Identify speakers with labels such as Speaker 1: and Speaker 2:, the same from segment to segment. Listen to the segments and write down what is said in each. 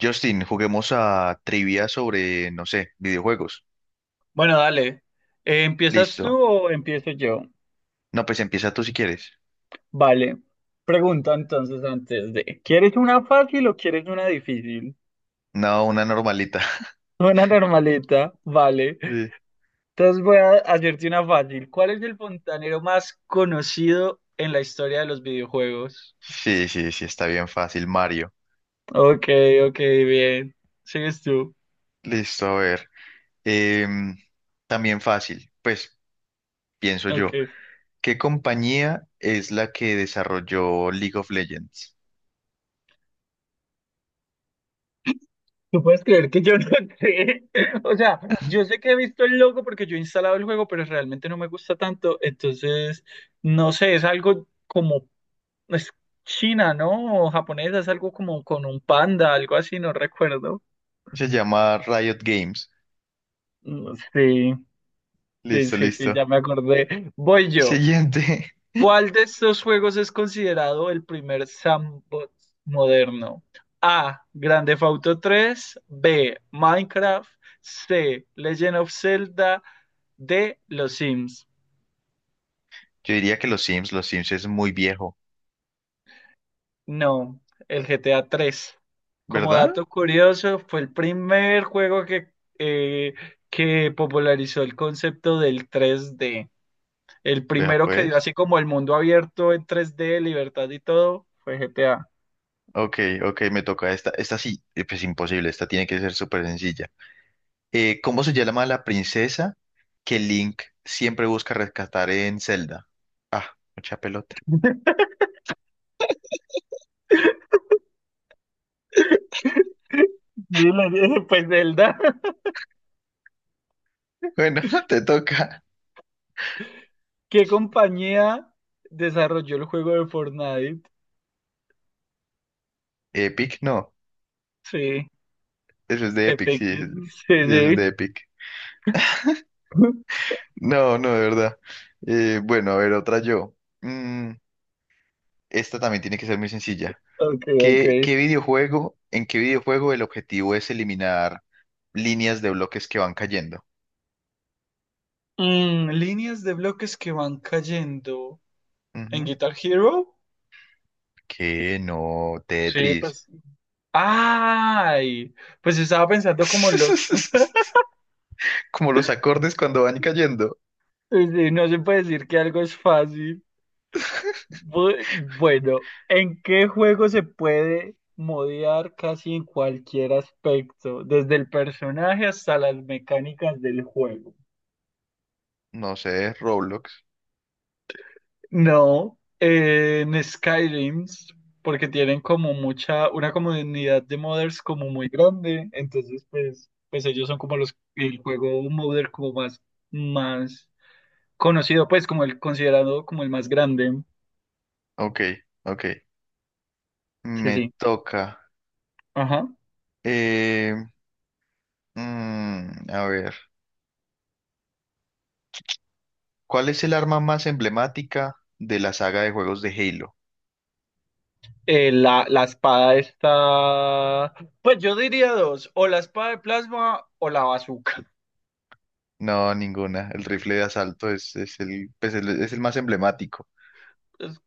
Speaker 1: Justin, juguemos a trivia sobre, no sé, videojuegos.
Speaker 2: Bueno, dale. ¿Empiezas tú
Speaker 1: Listo.
Speaker 2: o empiezo yo?
Speaker 1: No, pues empieza tú si quieres.
Speaker 2: Vale. Pregunta entonces antes de, ¿quieres una fácil o quieres una difícil?
Speaker 1: No, una normalita.
Speaker 2: Una normalita, vale. Entonces voy a hacerte una fácil. ¿Cuál es el fontanero más conocido en la historia de los videojuegos?
Speaker 1: Sí, sí, sí, sí, está bien fácil, Mario.
Speaker 2: Ok, ok, bien. Sigues tú.
Speaker 1: Listo, a ver. Em, También fácil, pues pienso yo.
Speaker 2: Ok.
Speaker 1: ¿Qué compañía es la que desarrolló League of Legends?
Speaker 2: ¿Tú puedes creer que yo no sé? O sea, yo sé que he visto el logo porque yo he instalado el juego, pero realmente no me gusta tanto. Entonces, no sé, es algo como, es China, ¿no? O japonesa, es algo como con un panda, algo así, no recuerdo.
Speaker 1: Se llama Riot Games.
Speaker 2: Mm, sí, sí,
Speaker 1: Listo,
Speaker 2: sí, sí,
Speaker 1: listo.
Speaker 2: ya me acordé. Voy yo.
Speaker 1: Siguiente.
Speaker 2: ¿Cuál de estos juegos es considerado el primer sandbox moderno? A. Grand Theft Auto 3. B. Minecraft. C. Legend of Zelda. D. Los Sims.
Speaker 1: Yo diría que los Sims es muy viejo,
Speaker 2: No, el GTA 3. Como
Speaker 1: ¿verdad?
Speaker 2: dato curioso, fue el primer juego eh, que popularizó el concepto del 3D. El
Speaker 1: Vea
Speaker 2: primero que dio
Speaker 1: pues.
Speaker 2: así como el mundo abierto en 3D, libertad y todo, fue GTA.
Speaker 1: Ok, ok, me toca esta. Esta sí, pues imposible, esta tiene que ser súper sencilla. ¿Cómo se llama la princesa que Link siempre busca rescatar en Zelda? Ah, mucha pelota.
Speaker 2: Sí, la- pues Zelda.
Speaker 1: Bueno, te toca.
Speaker 2: ¿Qué compañía desarrolló el juego de Fortnite?
Speaker 1: Epic, no.
Speaker 2: Sí,
Speaker 1: Eso es de Epic,
Speaker 2: Epic Games, sí,
Speaker 1: sí, eso es de
Speaker 2: sí.
Speaker 1: Epic. No, no, de verdad. Bueno, a ver, otra yo. Mm, esta también tiene que ser muy sencilla.
Speaker 2: Ok, ok.
Speaker 1: ¿Qué videojuego, en qué videojuego el objetivo es eliminar líneas de bloques que van cayendo?
Speaker 2: Líneas de bloques que van cayendo. ¿En Guitar Hero?
Speaker 1: Que no,
Speaker 2: Sí,
Speaker 1: Tetris.
Speaker 2: pues. ¡Ay! Pues estaba pensando como los...
Speaker 1: Como los acordes cuando van cayendo.
Speaker 2: Sí, sí, no se puede decir que algo es fácil. Bueno, ¿en qué juego se puede modear casi en cualquier aspecto? Desde el personaje hasta las mecánicas del juego.
Speaker 1: No sé, Roblox.
Speaker 2: No, en Skyrim, porque tienen como una comunidad de modders como muy grande, entonces pues, ellos son como el juego modder como más conocido, pues como el considerado como el más grande.
Speaker 1: Ok, ok.
Speaker 2: Sí,
Speaker 1: Me
Speaker 2: sí.
Speaker 1: toca.
Speaker 2: Ajá.
Speaker 1: Eh, mm, a ver. ¿Cuál es el arma más emblemática de la saga de juegos de Halo?
Speaker 2: La espada está. Pues yo diría dos: o la espada de plasma o la bazooka.
Speaker 1: No, ninguna. El rifle de asalto es el, pues, el- es el más emblemático.
Speaker 2: Es-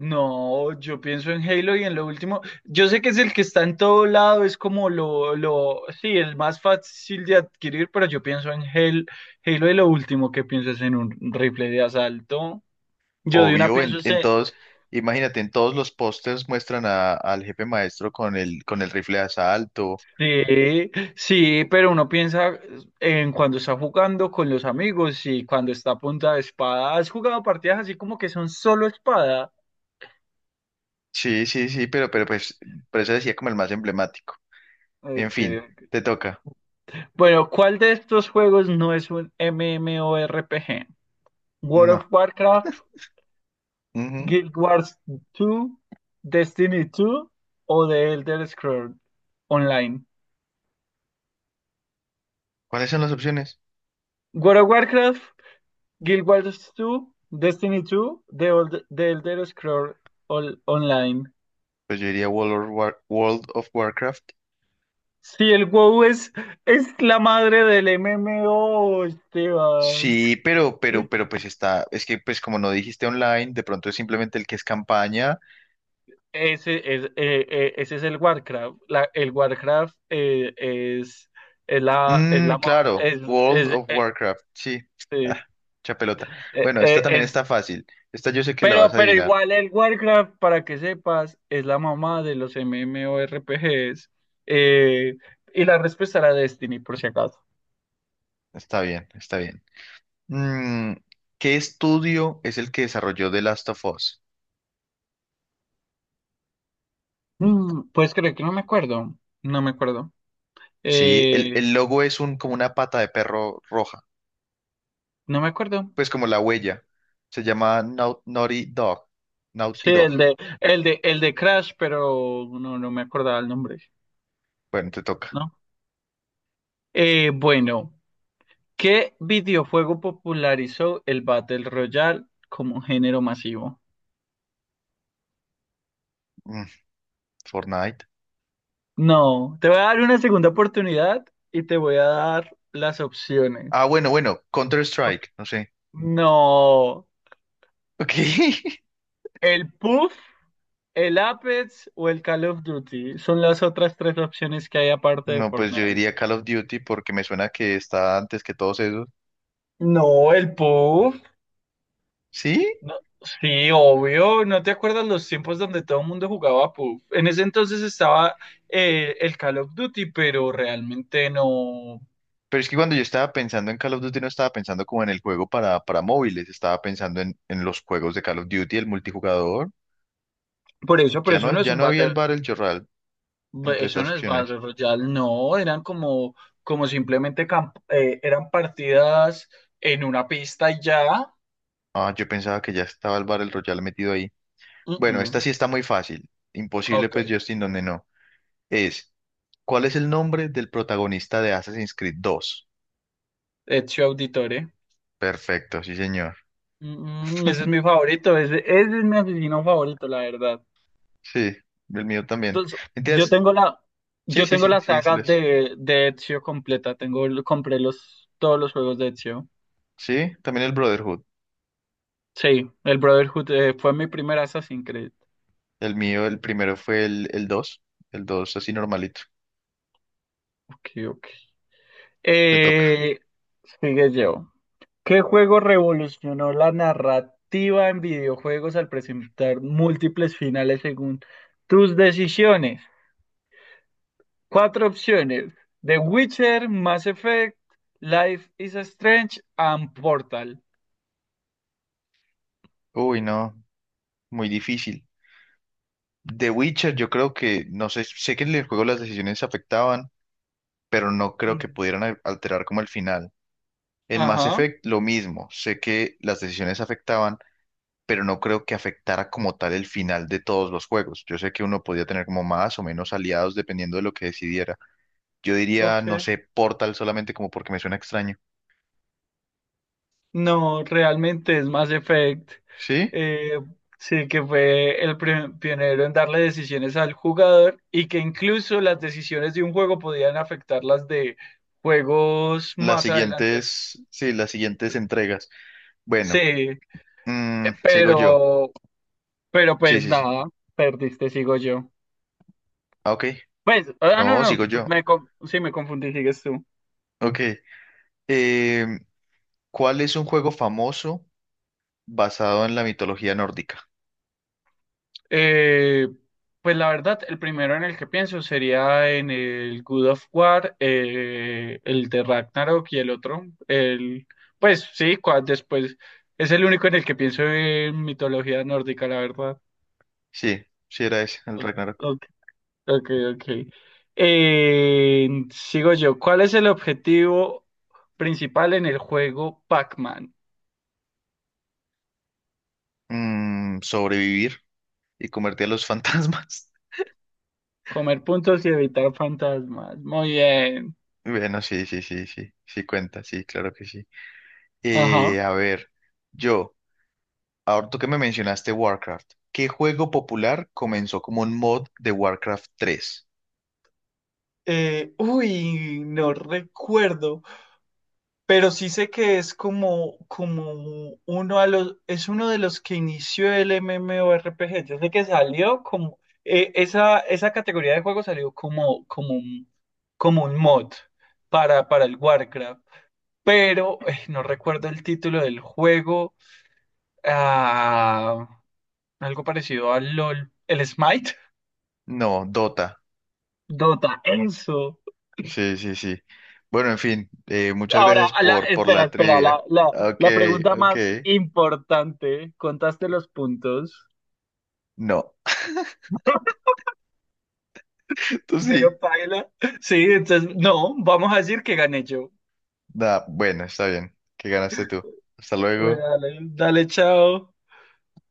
Speaker 2: No, yo pienso en Halo y en lo último. Yo sé que es el que está en todo lado, es como lo, sí, el más fácil de adquirir, pero yo pienso en Halo, Halo y lo último que pienso es en un rifle de asalto. Yo de una
Speaker 1: Obvio, en,
Speaker 2: pienso
Speaker 1: en
Speaker 2: ese.
Speaker 1: todos, imagínate, en todos los pósters muestran a- al jefe maestro con el rifle de asalto.
Speaker 2: Sí, sí, pero uno piensa en cuando está jugando con los amigos y cuando está a punta de espada. ¿Has jugado partidas así como que son solo espada?
Speaker 1: Sí, sí, sí, pero pues, por eso decía como el más emblemático. En fin,
Speaker 2: Okay.
Speaker 1: te toca.
Speaker 2: Bueno, ¿cuál de estos juegos no es un MMORPG? World of
Speaker 1: No.
Speaker 2: Warcraft,
Speaker 1: Ujú.
Speaker 2: Guild Wars 2, Destiny 2 o The Elder Scrolls Online.
Speaker 1: ¿Cuáles son las opciones?
Speaker 2: World of Warcraft, Guild Wars 2, Destiny 2, The Elder Scrolls Online.
Speaker 1: Pues yo diría World of War- World of Warcraft.
Speaker 2: Sí, el WoW es, la madre del MMO, Esteban.
Speaker 1: Sí, pero pues está, es que pues como no dijiste online, de pronto es simplemente el que es campaña.
Speaker 2: Ese es el Warcraft. El Warcraft es la, es
Speaker 1: Mm,
Speaker 2: la, mo-
Speaker 1: claro,
Speaker 2: es,
Speaker 1: World
Speaker 2: es,
Speaker 1: of
Speaker 2: eh,
Speaker 1: Warcraft, sí. Ah,
Speaker 2: eh,
Speaker 1: mucha pelota.
Speaker 2: eh,
Speaker 1: Bueno, esta
Speaker 2: eh,
Speaker 1: también
Speaker 2: es-
Speaker 1: está fácil. Esta yo sé que la vas
Speaker 2: pero,
Speaker 1: a
Speaker 2: pero
Speaker 1: adivinar.
Speaker 2: igual el Warcraft, para que sepas, es la mamá de los MMORPGs. Eh, y la respuesta era Destiny, por si acaso.
Speaker 1: Está bien, está bien. Mm, ¿qué estudio es el que desarrolló The Last of Us?
Speaker 2: ¿Puedes creer que no me acuerdo? No me acuerdo.
Speaker 1: Sí,
Speaker 2: Eh,
Speaker 1: el logo es un, como una pata de perro roja,
Speaker 2: no me acuerdo.
Speaker 1: pues como la huella. Se llama Nau- Naughty Dog.
Speaker 2: Sí,
Speaker 1: Naughty Dog.
Speaker 2: el de Crash, pero no, no me acordaba el nombre,
Speaker 1: Bueno, te toca.
Speaker 2: ¿no? Bueno, ¿qué videojuego popularizó el Battle Royale como género masivo?
Speaker 1: Mm, Fortnite.
Speaker 2: No, te voy a dar una segunda oportunidad y te voy a dar las opciones.
Speaker 1: Ah, bueno, bueno,
Speaker 2: Ok.
Speaker 1: Counter-Strike, no sé.
Speaker 2: No,
Speaker 1: Ok.
Speaker 2: el Puff, el Apex o el Call of Duty son las otras tres opciones que hay aparte de
Speaker 1: No, pues yo
Speaker 2: Fortnite.
Speaker 1: diría Call of Duty porque me suena que está antes que todos esos.
Speaker 2: No, el Puff.
Speaker 1: Sí,
Speaker 2: No, sí, obvio, ¿no te acuerdas los tiempos donde todo el mundo jugaba PUBG? En ese entonces estaba el Call of Duty, pero realmente no.
Speaker 1: pero es que cuando yo estaba pensando en Call of Duty no estaba pensando como en el juego para móviles, estaba pensando en los juegos de Call of Duty, el multijugador.
Speaker 2: Por eso,
Speaker 1: Ya no,
Speaker 2: no es
Speaker 1: ya
Speaker 2: un
Speaker 1: no había el
Speaker 2: battle,
Speaker 1: Battle Royale entre
Speaker 2: eso
Speaker 1: esas
Speaker 2: no es
Speaker 1: opciones.
Speaker 2: Battle Royale, no, eran como simplemente eran partidas en una pista y ya.
Speaker 1: Ah, yo pensaba que ya estaba el Battle Royale metido ahí.
Speaker 2: Mm,
Speaker 1: Bueno, esta
Speaker 2: mm,
Speaker 1: sí está muy fácil. Imposible,
Speaker 2: ok,
Speaker 1: pues, Justin, donde no. Es, ¿cuál es el nombre del protagonista de Assassin's Creed 2?
Speaker 2: Ezio Auditore.
Speaker 1: Perfecto, sí, señor.
Speaker 2: Ese es mi favorito, ese es mi asesino favorito, la verdad.
Speaker 1: Sí, el mío también.
Speaker 2: Entonces, yo
Speaker 1: ¿Entiendes?
Speaker 2: tengo la,
Speaker 1: Sí,
Speaker 2: yo
Speaker 1: sí,
Speaker 2: tengo
Speaker 1: sí,
Speaker 2: la
Speaker 1: sí, sí
Speaker 2: saga
Speaker 1: lo es.
Speaker 2: de Ezio completa. Compré todos los juegos de Ezio.
Speaker 1: Sí, también el Brotherhood.
Speaker 2: Sí, el Brotherhood fue mi primera Assassin's Creed.
Speaker 1: El mío, el primero fue el dos. El 2 así normalito.
Speaker 2: Ok, ok.
Speaker 1: Te toca.
Speaker 2: Eh, sigue yo. ¿Qué juego revolucionó la narrativa en videojuegos al presentar múltiples finales según tus decisiones? Cuatro opciones: The Witcher, Mass Effect, Life is Strange and Portal.
Speaker 1: Uy, no, muy difícil. The Witcher, yo creo que, no sé, sé que en el juego las decisiones afectaban, pero no creo que
Speaker 2: Mm.
Speaker 1: pudieran al- alterar como el final. En Mass
Speaker 2: Ajá,
Speaker 1: Effect lo mismo, sé que las decisiones afectaban, pero no creo que afectara como tal el final de todos los juegos. Yo sé que uno podía tener como más o menos aliados dependiendo de lo que decidiera. Yo diría,
Speaker 2: ok.
Speaker 1: no sé, Portal solamente como porque me suena extraño.
Speaker 2: No, realmente es Mass Effect.
Speaker 1: ¿Sí?
Speaker 2: eh, sí, que fue el pionero en darle decisiones al jugador y que incluso las decisiones de un juego podían afectar las de juegos
Speaker 1: Las
Speaker 2: más adelante.
Speaker 1: siguientes, sí, las siguientes entregas.
Speaker 2: Sí,
Speaker 1: Bueno, mm, sigo yo.
Speaker 2: pero, pero
Speaker 1: Sí,
Speaker 2: pues
Speaker 1: sí, sí.
Speaker 2: nada, perdiste, sigo yo.
Speaker 1: Ah, ok.
Speaker 2: Pues, ah, no,
Speaker 1: No, sigo
Speaker 2: no,
Speaker 1: yo.
Speaker 2: sí, me confundí, sigues tú.
Speaker 1: Ok. Em, ¿Cuál es un juego famoso basado en la mitología nórdica?
Speaker 2: Eh, pues la verdad, el primero en el que pienso sería en el Good of War, el de Ragnarok y el otro, pues sí, después es el único en el que pienso en mitología nórdica, la verdad.
Speaker 1: Sí, sí era ese, el
Speaker 2: O-
Speaker 1: Ragnarok.
Speaker 2: Ok, ok, ok. Sigo yo. ¿Cuál es el objetivo principal en el juego Pac-Man?
Speaker 1: Mm, sobrevivir y convertir a los fantasmas.
Speaker 2: Comer puntos y evitar fantasmas. Muy bien.
Speaker 1: Bueno, sí, sí, sí, sí, sí cuenta, sí, claro que sí. A ver, yo, ahora tú que me mencionaste Warcraft, ¿qué juego popular comenzó como un mod de Warcraft tres?
Speaker 2: Uy, no recuerdo, pero sí sé que es como es uno de los que inició el MMORPG. Yo sé que salió como esa categoría de juego salió como un mod para el Warcraft, pero no recuerdo el título del juego. Ah, algo parecido al LOL, el Smite,
Speaker 1: No, Dota.
Speaker 2: Dota, eso.
Speaker 1: Sí, sí, sí. Bueno, en fin, muchas
Speaker 2: Ahora,
Speaker 1: gracias por
Speaker 2: espera,
Speaker 1: la
Speaker 2: espera,
Speaker 1: trivia.
Speaker 2: la, la,
Speaker 1: Ok,
Speaker 2: la pregunta
Speaker 1: ok.
Speaker 2: más importante, ¿contaste los puntos?
Speaker 1: No, tú
Speaker 2: Bueno,
Speaker 1: sí.
Speaker 2: paila. Sí, entonces, no, vamos a decir que gané yo.
Speaker 1: Nah, bueno, está bien, que ganaste tú. Hasta
Speaker 2: Bueno,
Speaker 1: luego.
Speaker 2: dale, dale, chao.